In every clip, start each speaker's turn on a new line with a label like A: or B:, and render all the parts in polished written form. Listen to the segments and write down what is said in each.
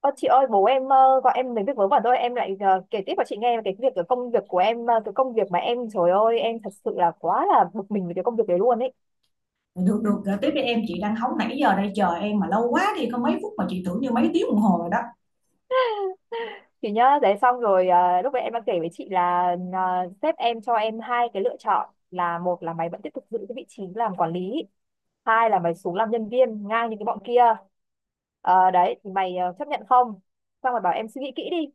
A: Ờ, chị ơi, bố em gọi em đến việc vớ vẩn thôi. Em lại kể tiếp cho chị nghe về cái việc, cái công việc của em, cái công việc mà em, trời ơi, em thật sự là quá là bực mình với cái công việc đấy luôn ấy
B: Được, được, gửi tiếp đi em, chị đang hóng nãy giờ đây, chờ em mà lâu quá đi, có mấy phút mà chị tưởng như mấy tiếng đồng hồ rồi đó.
A: chị nhá. Đấy, xong rồi lúc đấy em đang kể với chị là ờ, sếp em cho em hai cái lựa chọn, là một là mày vẫn tiếp tục giữ cái vị trí làm quản lý, hai là mày xuống làm nhân viên ngang như cái bọn kia. Đấy thì mày chấp nhận không? Xong rồi bảo em suy nghĩ kỹ đi.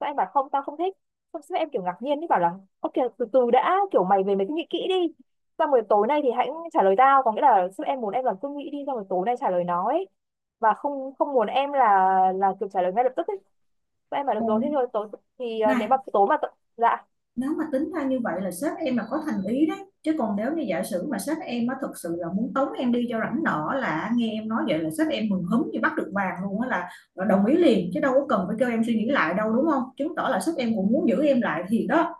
A: Sao em bảo không, tao không thích. Xong sao em kiểu ngạc nhiên ấy, bảo là ok, từ từ đã, kiểu mày về mày cứ nghĩ kỹ đi, xong rồi tối nay thì hãy trả lời tao. Có nghĩa là sếp em muốn em là cứ nghĩ đi, xong rồi tối nay trả lời nó ấy. Và không, không muốn em là kiểu trả lời ngay lập tức ấy. Sao em bảo
B: Ừ.
A: được rồi, thế rồi tối thì à, nếu
B: Này,
A: mà tối mà dạ.
B: nếu mà tính ra như vậy là sếp em là có thành ý đấy. Chứ còn nếu như giả sử mà sếp em á thực sự là muốn tống em đi cho rảnh nọ, là nghe em nói vậy là sếp em mừng húm như bắt được vàng luôn á, là đồng ý liền chứ đâu có cần phải kêu em suy nghĩ lại đâu, đúng không? Chứng tỏ là sếp em cũng muốn giữ em lại thì đó.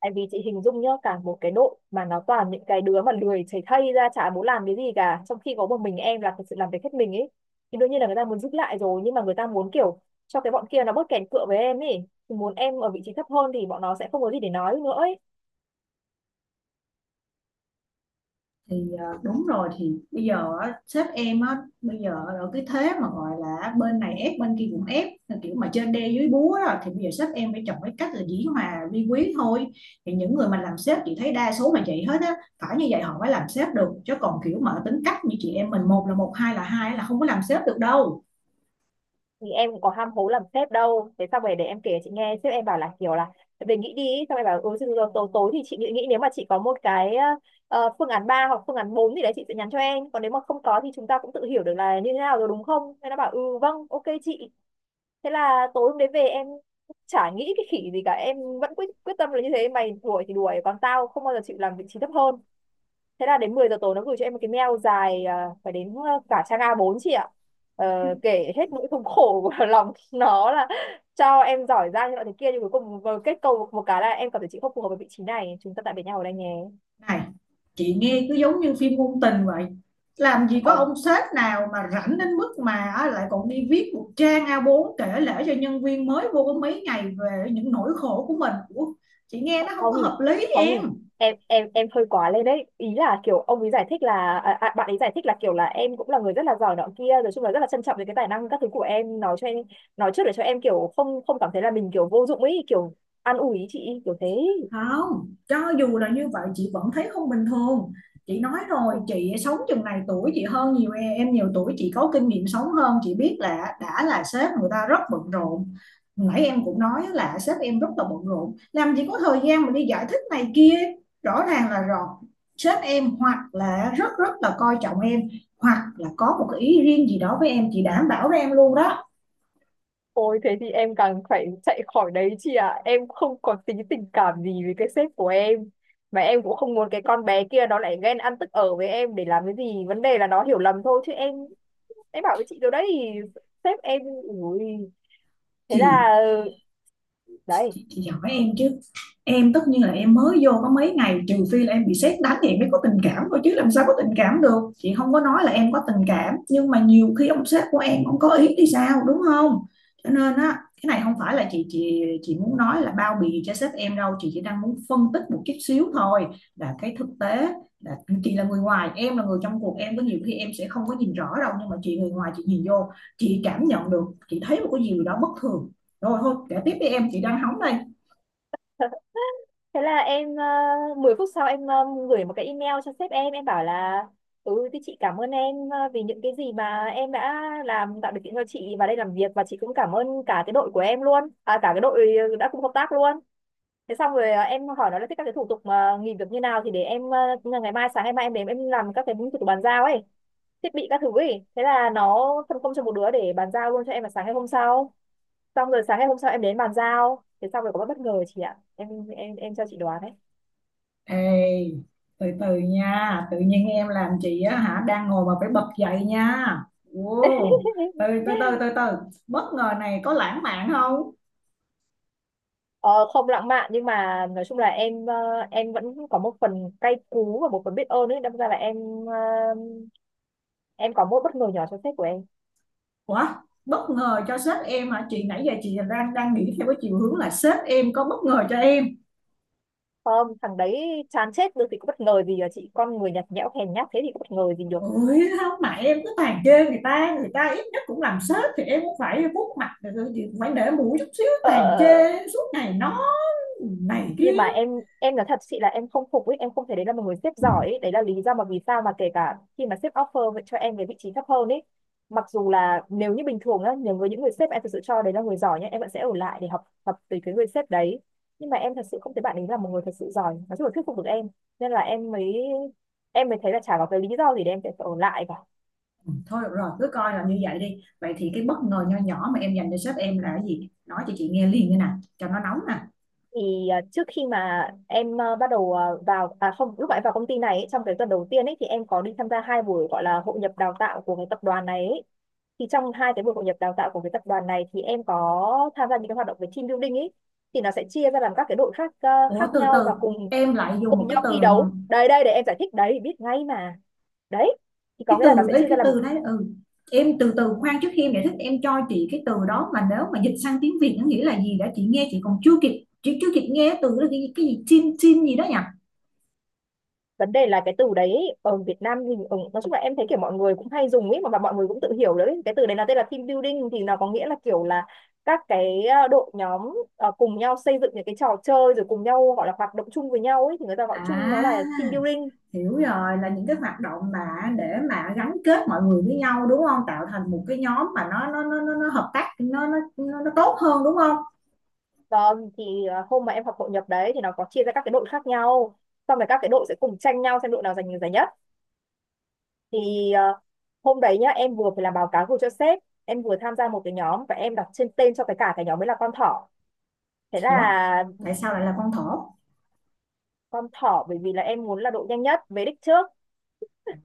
A: Tại vì chị hình dung nhá, cả một cái đội mà nó toàn những cái đứa mà lười chảy thây ra, chả muốn làm cái gì cả, trong khi có một mình em là thật sự làm việc hết mình ấy, thì đương nhiên là người ta muốn giúp lại rồi, nhưng mà người ta muốn kiểu cho cái bọn kia nó bớt kèn cựa với em ấy, thì muốn em ở vị trí thấp hơn thì bọn nó sẽ không có gì để nói nữa ấy.
B: Đúng rồi, thì bây giờ á, sếp em á, bây giờ ở cái thế mà gọi là bên này ép bên kia cũng ép, là kiểu mà trên đe dưới búa đó, thì bây giờ sếp em phải chọn cái cách là dĩ hòa vi quý thôi. Thì những người mà làm sếp chị thấy đa số là vậy hết á, phải như vậy họ mới làm sếp được. Chứ còn kiểu mà tính cách như chị em mình, một là một hai là hai, là không có làm sếp được đâu.
A: Thì em cũng có ham hố làm sếp đâu. Thế xong rồi để em kể chị nghe, sếp em bảo là kiểu là về nghĩ đi ý." Xong em bảo ừ, rồi, rồi, tối, tối thì chị nghĩ, nghĩ nếu mà chị có một cái phương án 3 hoặc phương án 4 thì đấy chị sẽ nhắn cho em, còn nếu mà không có thì chúng ta cũng tự hiểu được là như thế nào rồi đúng không. Thế nó bảo ừ, vâng, ok chị. Thế là tối hôm đấy về em chả nghĩ cái khỉ gì cả, em vẫn quyết quyết tâm là như thế, mày đuổi thì đuổi, còn tao không bao giờ chịu làm vị trí thấp hơn. Thế là đến 10 giờ tối nó gửi cho em một cái mail dài à, phải đến cả trang A4 chị ạ. Ờ, Kể hết nỗi thống khổ của lòng nó, là cho em giỏi giang như loại thế kia, nhưng cuối cùng vừa kết cầu một cái là em cảm thấy chị không phù hợp với vị trí này, chúng ta tạm biệt nhau ở đây nhé.
B: Này, chị nghe cứ giống như phim ngôn tình vậy. Làm gì có
A: Không,
B: ông sếp nào mà rảnh đến mức mà á, lại còn đi viết một trang A4 kể lể cho nhân viên mới vô có mấy ngày về những nỗi khổ của mình. Ủa, chị nghe nó không có
A: không,
B: hợp lý
A: không,
B: em.
A: em hơi quá lên đấy. Ý là kiểu ông ấy giải thích là à, à, bạn ấy giải thích là kiểu là em cũng là người rất là giỏi nọ kia rồi, chung là rất là trân trọng về cái tài năng các thứ của em, nói cho em, nói trước để cho em kiểu không không cảm thấy là mình kiểu vô dụng ấy, kiểu an ủi chị kiểu thế.
B: Không, cho dù là như vậy chị vẫn thấy không bình thường. Chị nói rồi, chị sống chừng này tuổi, chị hơn nhiều em nhiều tuổi chị, có kinh nghiệm sống hơn, chị biết là đã là sếp người ta rất bận rộn. Nãy em cũng nói là sếp em rất là bận rộn, làm gì có thời gian mà đi giải thích này kia. Rõ ràng là rồi, sếp em hoặc là rất rất là coi trọng em, hoặc là có một cái ý riêng gì đó với em, chị đảm bảo với em luôn đó.
A: Ôi thế thì em càng phải chạy khỏi đấy chị ạ. Em không có tí tình cảm gì với cái sếp của em. Mà em cũng không muốn cái con bé kia nó lại ghen ăn tức ở với em để làm cái gì. Vấn đề là nó hiểu lầm thôi chứ em. Em bảo với chị rồi đấy. Sếp em ui. Thế
B: Thì
A: là đấy.
B: chị hỏi em chứ, em tất nhiên là em mới vô có mấy ngày, trừ phi là em bị sét đánh thì em mới có tình cảm thôi, chứ làm sao có tình cảm được. Chị không có nói là em có tình cảm, nhưng mà nhiều khi ông sếp của em ông có ý thì sao, đúng không? Cho nên á, cái này không phải là chị muốn nói là bao bì cho sếp em đâu, chị chỉ đang muốn phân tích một chút xíu thôi. Là cái thực tế là chị là người ngoài, em là người trong cuộc, em có nhiều khi em sẽ không có nhìn rõ đâu, nhưng mà chị người ngoài chị nhìn vô, chị cảm nhận được, chị thấy một cái gì đó bất thường. Rồi thôi, kể tiếp đi em, chị đang hóng đây.
A: Thế là em 10 phút sau em gửi một cái email cho sếp em bảo là ừ thì chị cảm ơn em vì những cái gì mà em đã làm, tạo điều kiện cho chị vào đây làm việc, và chị cũng cảm ơn cả cái đội của em luôn à, cả cái đội đã cùng hợp tác luôn. Thế xong rồi em hỏi nó là thích các cái thủ tục mà nghỉ việc như nào, thì để em ngày mai, sáng ngày mai em đến em làm các cái thủ tục bàn giao ấy, thiết bị các thứ ấy. Thế là nó phân công cho một đứa để bàn giao luôn cho em vào sáng ngày hôm sau. Xong rồi sáng ngày hôm sau em đến bàn giao, thế xong rồi có bất bất ngờ chị ạ. Em em cho chị đoán đấy.
B: Ê, từ từ nha. Tự nhiên em làm chị á hả, đang ngồi mà phải bật dậy nha. Wow. Từ từ từ từ từ Bất ngờ này có lãng mạn không?
A: Ờ, không lãng mạn, nhưng mà nói chung là em, em vẫn có một phần cay cú và một phần biết ơn ấy, đâm ra là em ờ, em có một bất ngờ nhỏ cho sách của em.
B: Ủa, bất ngờ cho sếp em hả? Chị nãy giờ chị đang đang nghĩ theo cái chiều hướng là sếp em có bất ngờ cho em.
A: Không, thằng đấy chán chết được thì có bất ngờ gì à chị, con người nhạt nhẽo hèn nhát thế thì có bất ngờ gì được.
B: Ôi không, mà em cứ tàn chê người ta. Người ta ít nhất cũng làm sếp, thì em cũng phải vuốt mặt rồi, chị cũng phải để mũi chút xíu.
A: ờ ờ,
B: Tàn
A: ờ, ờ.
B: chê suốt ngày nó này
A: Nhưng
B: kia.
A: mà em nói thật chị là em không phục ấy, em không thấy đấy là một người sếp giỏi ấy. Đấy là lý do mà vì sao mà kể cả khi mà sếp offer vậy cho em cái vị trí thấp hơn ấy, mặc dù là nếu như bình thường nhá, nếu với những người sếp em thực sự cho đấy là người giỏi nhá, em vẫn sẽ ở lại để học tập từ cái người sếp đấy. Nhưng mà em thật sự không thấy bạn ấy là một người thật sự giỏi, nói chung là thuyết phục được em, nên là em mới, em mới thấy là chả có cái lý do gì để em sẽ phải ở lại cả.
B: Thôi được rồi, cứ coi là như vậy đi. Vậy thì cái bất ngờ nho nhỏ mà em dành cho sếp em là cái gì? Nói cho chị nghe liền như nè, cho nó nóng nè.
A: Thì à, trước khi mà em à, bắt đầu à, vào à không, lúc mà em vào công ty này ấy, trong cái tuần đầu tiên ấy, thì em có đi tham gia hai buổi gọi là hội nhập đào tạo của cái tập đoàn này ấy. Thì trong hai cái buổi hội nhập đào tạo của cái tập đoàn này, thì em có tham gia những cái hoạt động về team building ấy. Thì nó sẽ chia ra làm các cái đội khác à,
B: Ủa,
A: khác
B: từ
A: nhau
B: từ,
A: và cùng
B: em lại dùng một
A: cùng
B: cái
A: nhau
B: từ.
A: thi đấu. Đây đây để em giải thích, đấy biết ngay mà. Đấy, thì có
B: cái
A: nghĩa là nó
B: từ
A: sẽ
B: đấy
A: chia ra
B: cái
A: làm,
B: từ đấy ừ. Em từ từ khoan, trước khi em giải thích em cho chị cái từ đó mà nếu mà dịch sang tiếng Việt nó nghĩa là gì đã. Chị nghe chị còn chưa kịp, chị chưa kịp nghe từ đó, cái gì chim chim gì đó nhỉ?
A: vấn đề là cái từ đấy ở Việt Nam thì ở, nói chung là em thấy kiểu mọi người cũng hay dùng ấy mà, mọi người cũng tự hiểu đấy, cái từ đấy là tên là team building, thì nó có nghĩa là kiểu là các cái đội nhóm cùng nhau xây dựng những cái trò chơi rồi cùng nhau, gọi là hoạt động chung với nhau ấy, thì người ta gọi chung
B: À,
A: nó là team building.
B: hiểu rồi, là những cái hoạt động mà để mà gắn kết mọi người với nhau đúng không, tạo thành một cái nhóm mà nó hợp tác nó tốt hơn, đúng không?
A: Vâng, thì hôm mà em học hội nhập đấy thì nó có chia ra các cái đội khác nhau, xong rồi các cái đội sẽ cùng tranh nhau xem đội nào giành được giải nhất. Thì hôm đấy nhá, em vừa phải làm báo cáo gửi cho sếp, em vừa tham gia một cái nhóm và em đặt trên tên cho cái cả cái nhóm ấy là con thỏ. Thế
B: Ủa,
A: là
B: tại sao lại là con thỏ?
A: con thỏ bởi vì là em muốn là độ nhanh nhất về đích trước.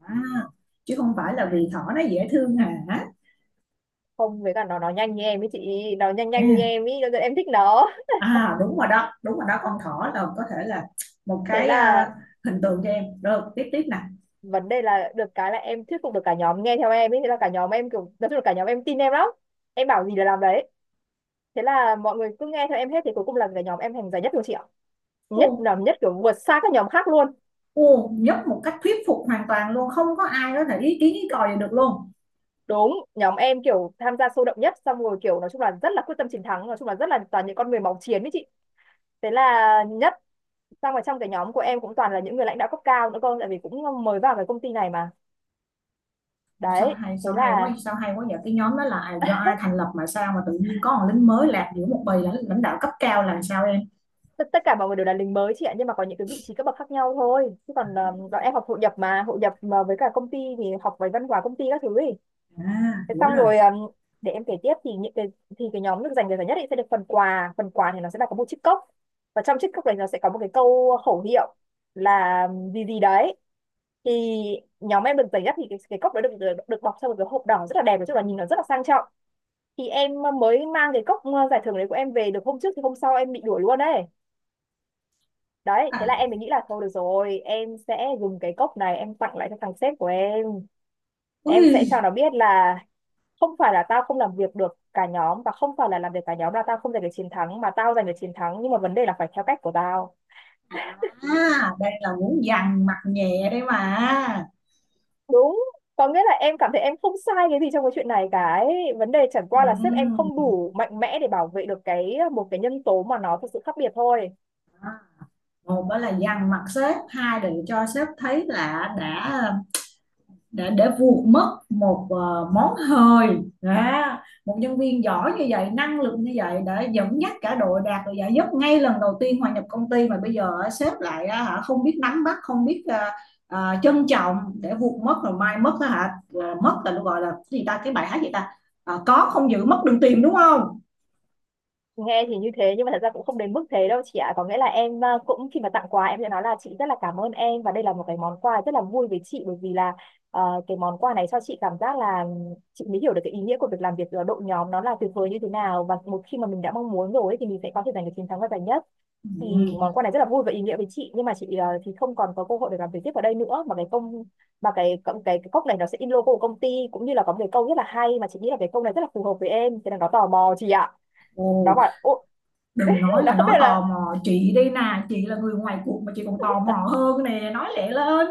B: À, chứ không phải là vì thỏ nó dễ thương hả?
A: Không, với cả nó nhanh như em ấy chị, nó nhanh nhanh như
B: À,
A: em ấy cho nên em thích nó.
B: à đúng rồi đó, đúng rồi đó, con thỏ là có thể là một
A: Thế
B: cái
A: là
B: à, hình tượng cho em rồi. Tiếp tiếp nè.
A: vấn đề là được cái là em thuyết phục được cả nhóm nghe theo em ấy, thế là cả nhóm em kiểu, nói chung là cả nhóm em tin em lắm, em bảo gì là làm đấy. Thế là mọi người cứ nghe theo em hết, thì cuối cùng là cả nhóm em thành giải nhất luôn chị ạ. Nhất
B: Ô,
A: là nhất kiểu vượt xa các nhóm khác luôn.
B: ô, nhất một cách thuyết phục hoàn toàn luôn, không có ai có thể ý kiến ý còi gì được luôn.
A: Đúng, nhóm em kiểu tham gia sôi động nhất, xong rồi kiểu nói chung là rất là quyết tâm chiến thắng, nói chung là rất là toàn những con người máu chiến ấy chị. Thế là nhất. Xong rồi trong cái nhóm của em cũng toàn là những người lãnh đạo cấp cao nữa cơ, tại vì cũng mới vào cái công ty này mà.
B: sao
A: Đấy
B: hay
A: thế
B: sao hay quá
A: là
B: sao hay quá vậy. Cái nhóm đó là do ai thành lập mà sao mà tự nhiên có một lính mới lạc giữa một bầy lãnh lãnh đạo cấp cao là sao em?
A: tất tất cả mọi người đều là lính mới chị ạ, nhưng mà có những cái vị trí cấp bậc khác nhau thôi, chứ còn bọn em học hội nhập mà, hội nhập mà với cả công ty thì học về văn hóa công ty các thứ ý.
B: À
A: Thế
B: hiểu
A: xong
B: rồi.
A: rồi để em kể tiếp, thì những cái, thì cái nhóm được giành được giải nhất ấy sẽ được phần quà. Phần quà thì nó sẽ là có một chiếc cốc, và trong chiếc cốc này nó sẽ có một cái câu khẩu hiệu là gì gì đấy. Thì nhóm em được giải nhất thì cái cốc đó được, được được bọc trong một cái hộp đỏ rất là đẹp, nói chung là nhìn nó rất là sang trọng. Thì em mới mang cái cốc giải thưởng đấy của em về được hôm trước thì hôm sau em bị đuổi luôn đấy. Đấy, thế là
B: À,
A: em mới nghĩ là thôi được rồi, em sẽ dùng cái cốc này em tặng lại cho thằng sếp của em. Em sẽ cho
B: ui.
A: nó biết là không phải là tao không làm việc được cả nhóm, và không phải là làm việc cả nhóm là tao không giành được chiến thắng, mà tao giành được chiến thắng nhưng mà vấn đề là phải theo cách của tao.
B: À, đây là muốn dằn mặt nhẹ đấy mà.
A: Đúng, có nghĩa là em cảm thấy em không sai cái gì trong cái chuyện này cả ấy. Vấn đề chẳng qua là sếp em
B: Ừm,
A: không đủ mạnh mẽ để bảo vệ được cái một cái nhân tố mà nó thực sự khác biệt thôi.
B: một đó là dằn mặt sếp, hai là cho sếp thấy là đã để vuột mất một món hời. Đó. Một nhân viên giỏi như vậy, năng lực như vậy, để dẫn dắt cả đội đạt được giải nhất ngay lần đầu tiên hòa nhập công ty, mà bây giờ sếp lại hả, không biết nắm bắt, không biết trân trọng, để vuột mất rồi. Mai mất á hả, mất là nó gọi là cái gì ta, cái bài hát gì ta? Có không giữ mất đừng tìm đúng không?
A: Nghe thì như thế nhưng mà thật ra cũng không đến mức thế đâu chị ạ, có nghĩa là em cũng khi mà tặng quà em sẽ nói là chị rất là cảm ơn em và đây là một cái món quà rất là vui với chị, bởi vì là cái món quà này cho chị cảm giác là chị mới hiểu được cái ý nghĩa của việc làm việc ở đội nhóm nó là tuyệt vời như thế nào, và một khi mà mình đã mong muốn rồi ấy, thì mình sẽ có thể giành được chiến thắng và giải nhất. Thì
B: Ừ.
A: món quà này rất là vui và ý nghĩa với chị, nhưng mà chị thì không còn có cơ hội để làm việc tiếp ở đây nữa, mà cái cốc này nó sẽ in logo của công ty, cũng như là có một cái câu rất là hay mà chị nghĩ là cái câu này rất là phù hợp với em. Thế là nó tò mò chị ạ, nó
B: Ồ,
A: bảo "Ô,"
B: đừng nói
A: nó
B: là
A: không
B: nó
A: biết
B: tò
A: là,
B: mò, chị đi nè, chị là người ngoài cuộc mà chị còn tò
A: à,
B: mò hơn nè, nói lẹ lên.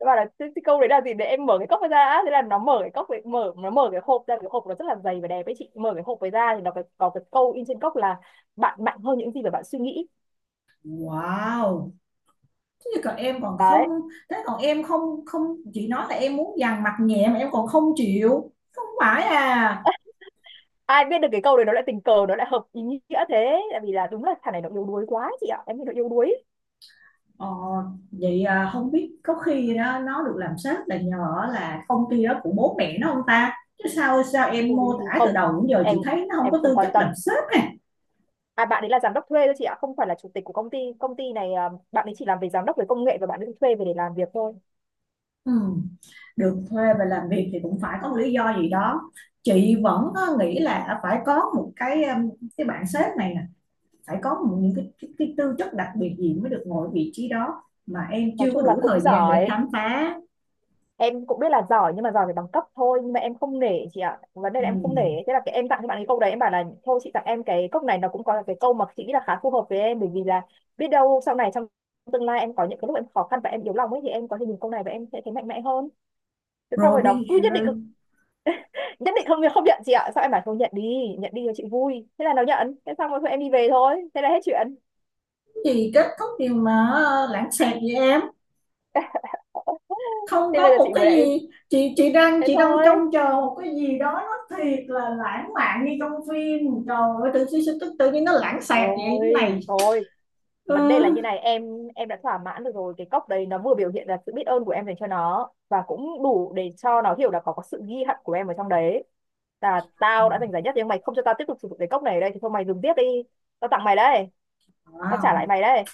A: nó bảo là câu đấy là gì để em mở cái cốc ra á. Thế là nó mở cái hộp ra, cái hộp nó rất là dày và đẹp ấy chị, mở cái hộp ấy ra thì nó có cái câu in trên cốc là "Bạn mạnh hơn những gì mà bạn suy nghĩ."
B: Wow. Thế còn em còn không,
A: Đấy,
B: thế còn em không không, chị nói là em muốn dằn mặt nhẹ mà em còn không chịu, không phải à?
A: ai biết được cái câu đấy nó lại tình cờ nó lại hợp ý nghĩa. Thế tại vì là đúng là thằng này nó yếu đuối quá chị ạ, em nghĩ nó yếu đuối.
B: ờ, Vậy à, không biết có khi đó nó được làm sếp là nhờ là công ty đó của bố mẹ nó không ta, chứ sao sao em mô
A: Ui
B: tả từ
A: không,
B: đầu đến giờ
A: em
B: chị thấy nó không
A: em
B: có
A: không
B: tư
A: quan
B: chất
A: tâm.
B: làm sếp này.
A: À, bạn ấy là giám đốc thuê thôi chị ạ, không phải là chủ tịch của công ty, công ty này à, bạn ấy chỉ làm về giám đốc về công nghệ và bạn ấy thuê về để làm việc thôi.
B: Ừ, được thuê về làm việc thì cũng phải có một lý do gì đó. Chị vẫn nghĩ là phải có một cái cái bạn sếp này phải có những cái tư chất đặc biệt gì mới được ngồi vị trí đó mà em
A: Nói
B: chưa có
A: chung là
B: đủ thời
A: cũng
B: gian để
A: giỏi,
B: khám phá.
A: em cũng biết là giỏi nhưng mà giỏi về bằng cấp thôi, nhưng mà em không nể chị ạ, vấn đề
B: Ừ.
A: là em không nể. Thế là cái em tặng cho bạn cái câu đấy, em bảo là thôi chị tặng em cái cốc này, nó cũng có cái câu mà chị nghĩ là khá phù hợp với em, bởi vì là biết đâu sau này trong tương lai em có những cái lúc em khó khăn và em yếu lòng ấy, thì em có thể nhìn câu này và em sẽ thấy mạnh mẽ hơn. Thế sau
B: Rồi
A: rồi nó
B: bây
A: cứ nhất định
B: rồi,
A: nhất định không không nhận chị ạ, sao em bảo không, nhận đi, nhận đi cho chị vui, thế là nó nhận. Thế xong rồi thôi em đi về thôi, thế là hết chuyện.
B: cái gì kết thúc điều mà lãng xẹt vậy em? Không
A: Thế bây
B: có
A: giờ
B: một
A: chị muốn
B: cái
A: em
B: gì, chị đang
A: thế
B: chị đang
A: thôi,
B: trông chờ một cái gì đó nó thiệt là lãng mạn như trong phim, trời ơi, tự nhiên tự nhiên nó lãng xẹt vậy cái này.
A: thôi thôi. Vấn đề là
B: Ừ.
A: như này em đã thỏa mãn được rồi, cái cốc đấy nó vừa biểu hiện là sự biết ơn của em dành cho nó và cũng đủ để cho nó hiểu là có sự ghi hận của em ở trong đấy. Là tao đã giành giải nhất nhưng mày không cho tao tiếp tục sử dụng cái cốc này ở đây thì thôi, mày dùng tiếp đi, tao tặng mày đấy, tao
B: À,
A: trả lại mày đấy.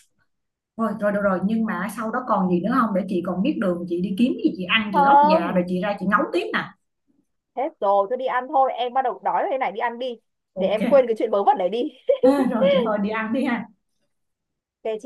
B: rồi, rồi, nhưng mà sau đó còn gì nữa không để chị còn biết đường chị đi kiếm gì chị ăn chị lót dạ rồi
A: Không,
B: chị ra chị ngấu tiếp nè.
A: hết rồi, tôi đi ăn thôi, em bắt đầu đói rồi đây này, đi ăn đi, để em
B: OK.
A: quên cái chuyện vớ vẩn này đi.
B: À, rồi, trời ơi, đi ăn đi ha.
A: Ok chị.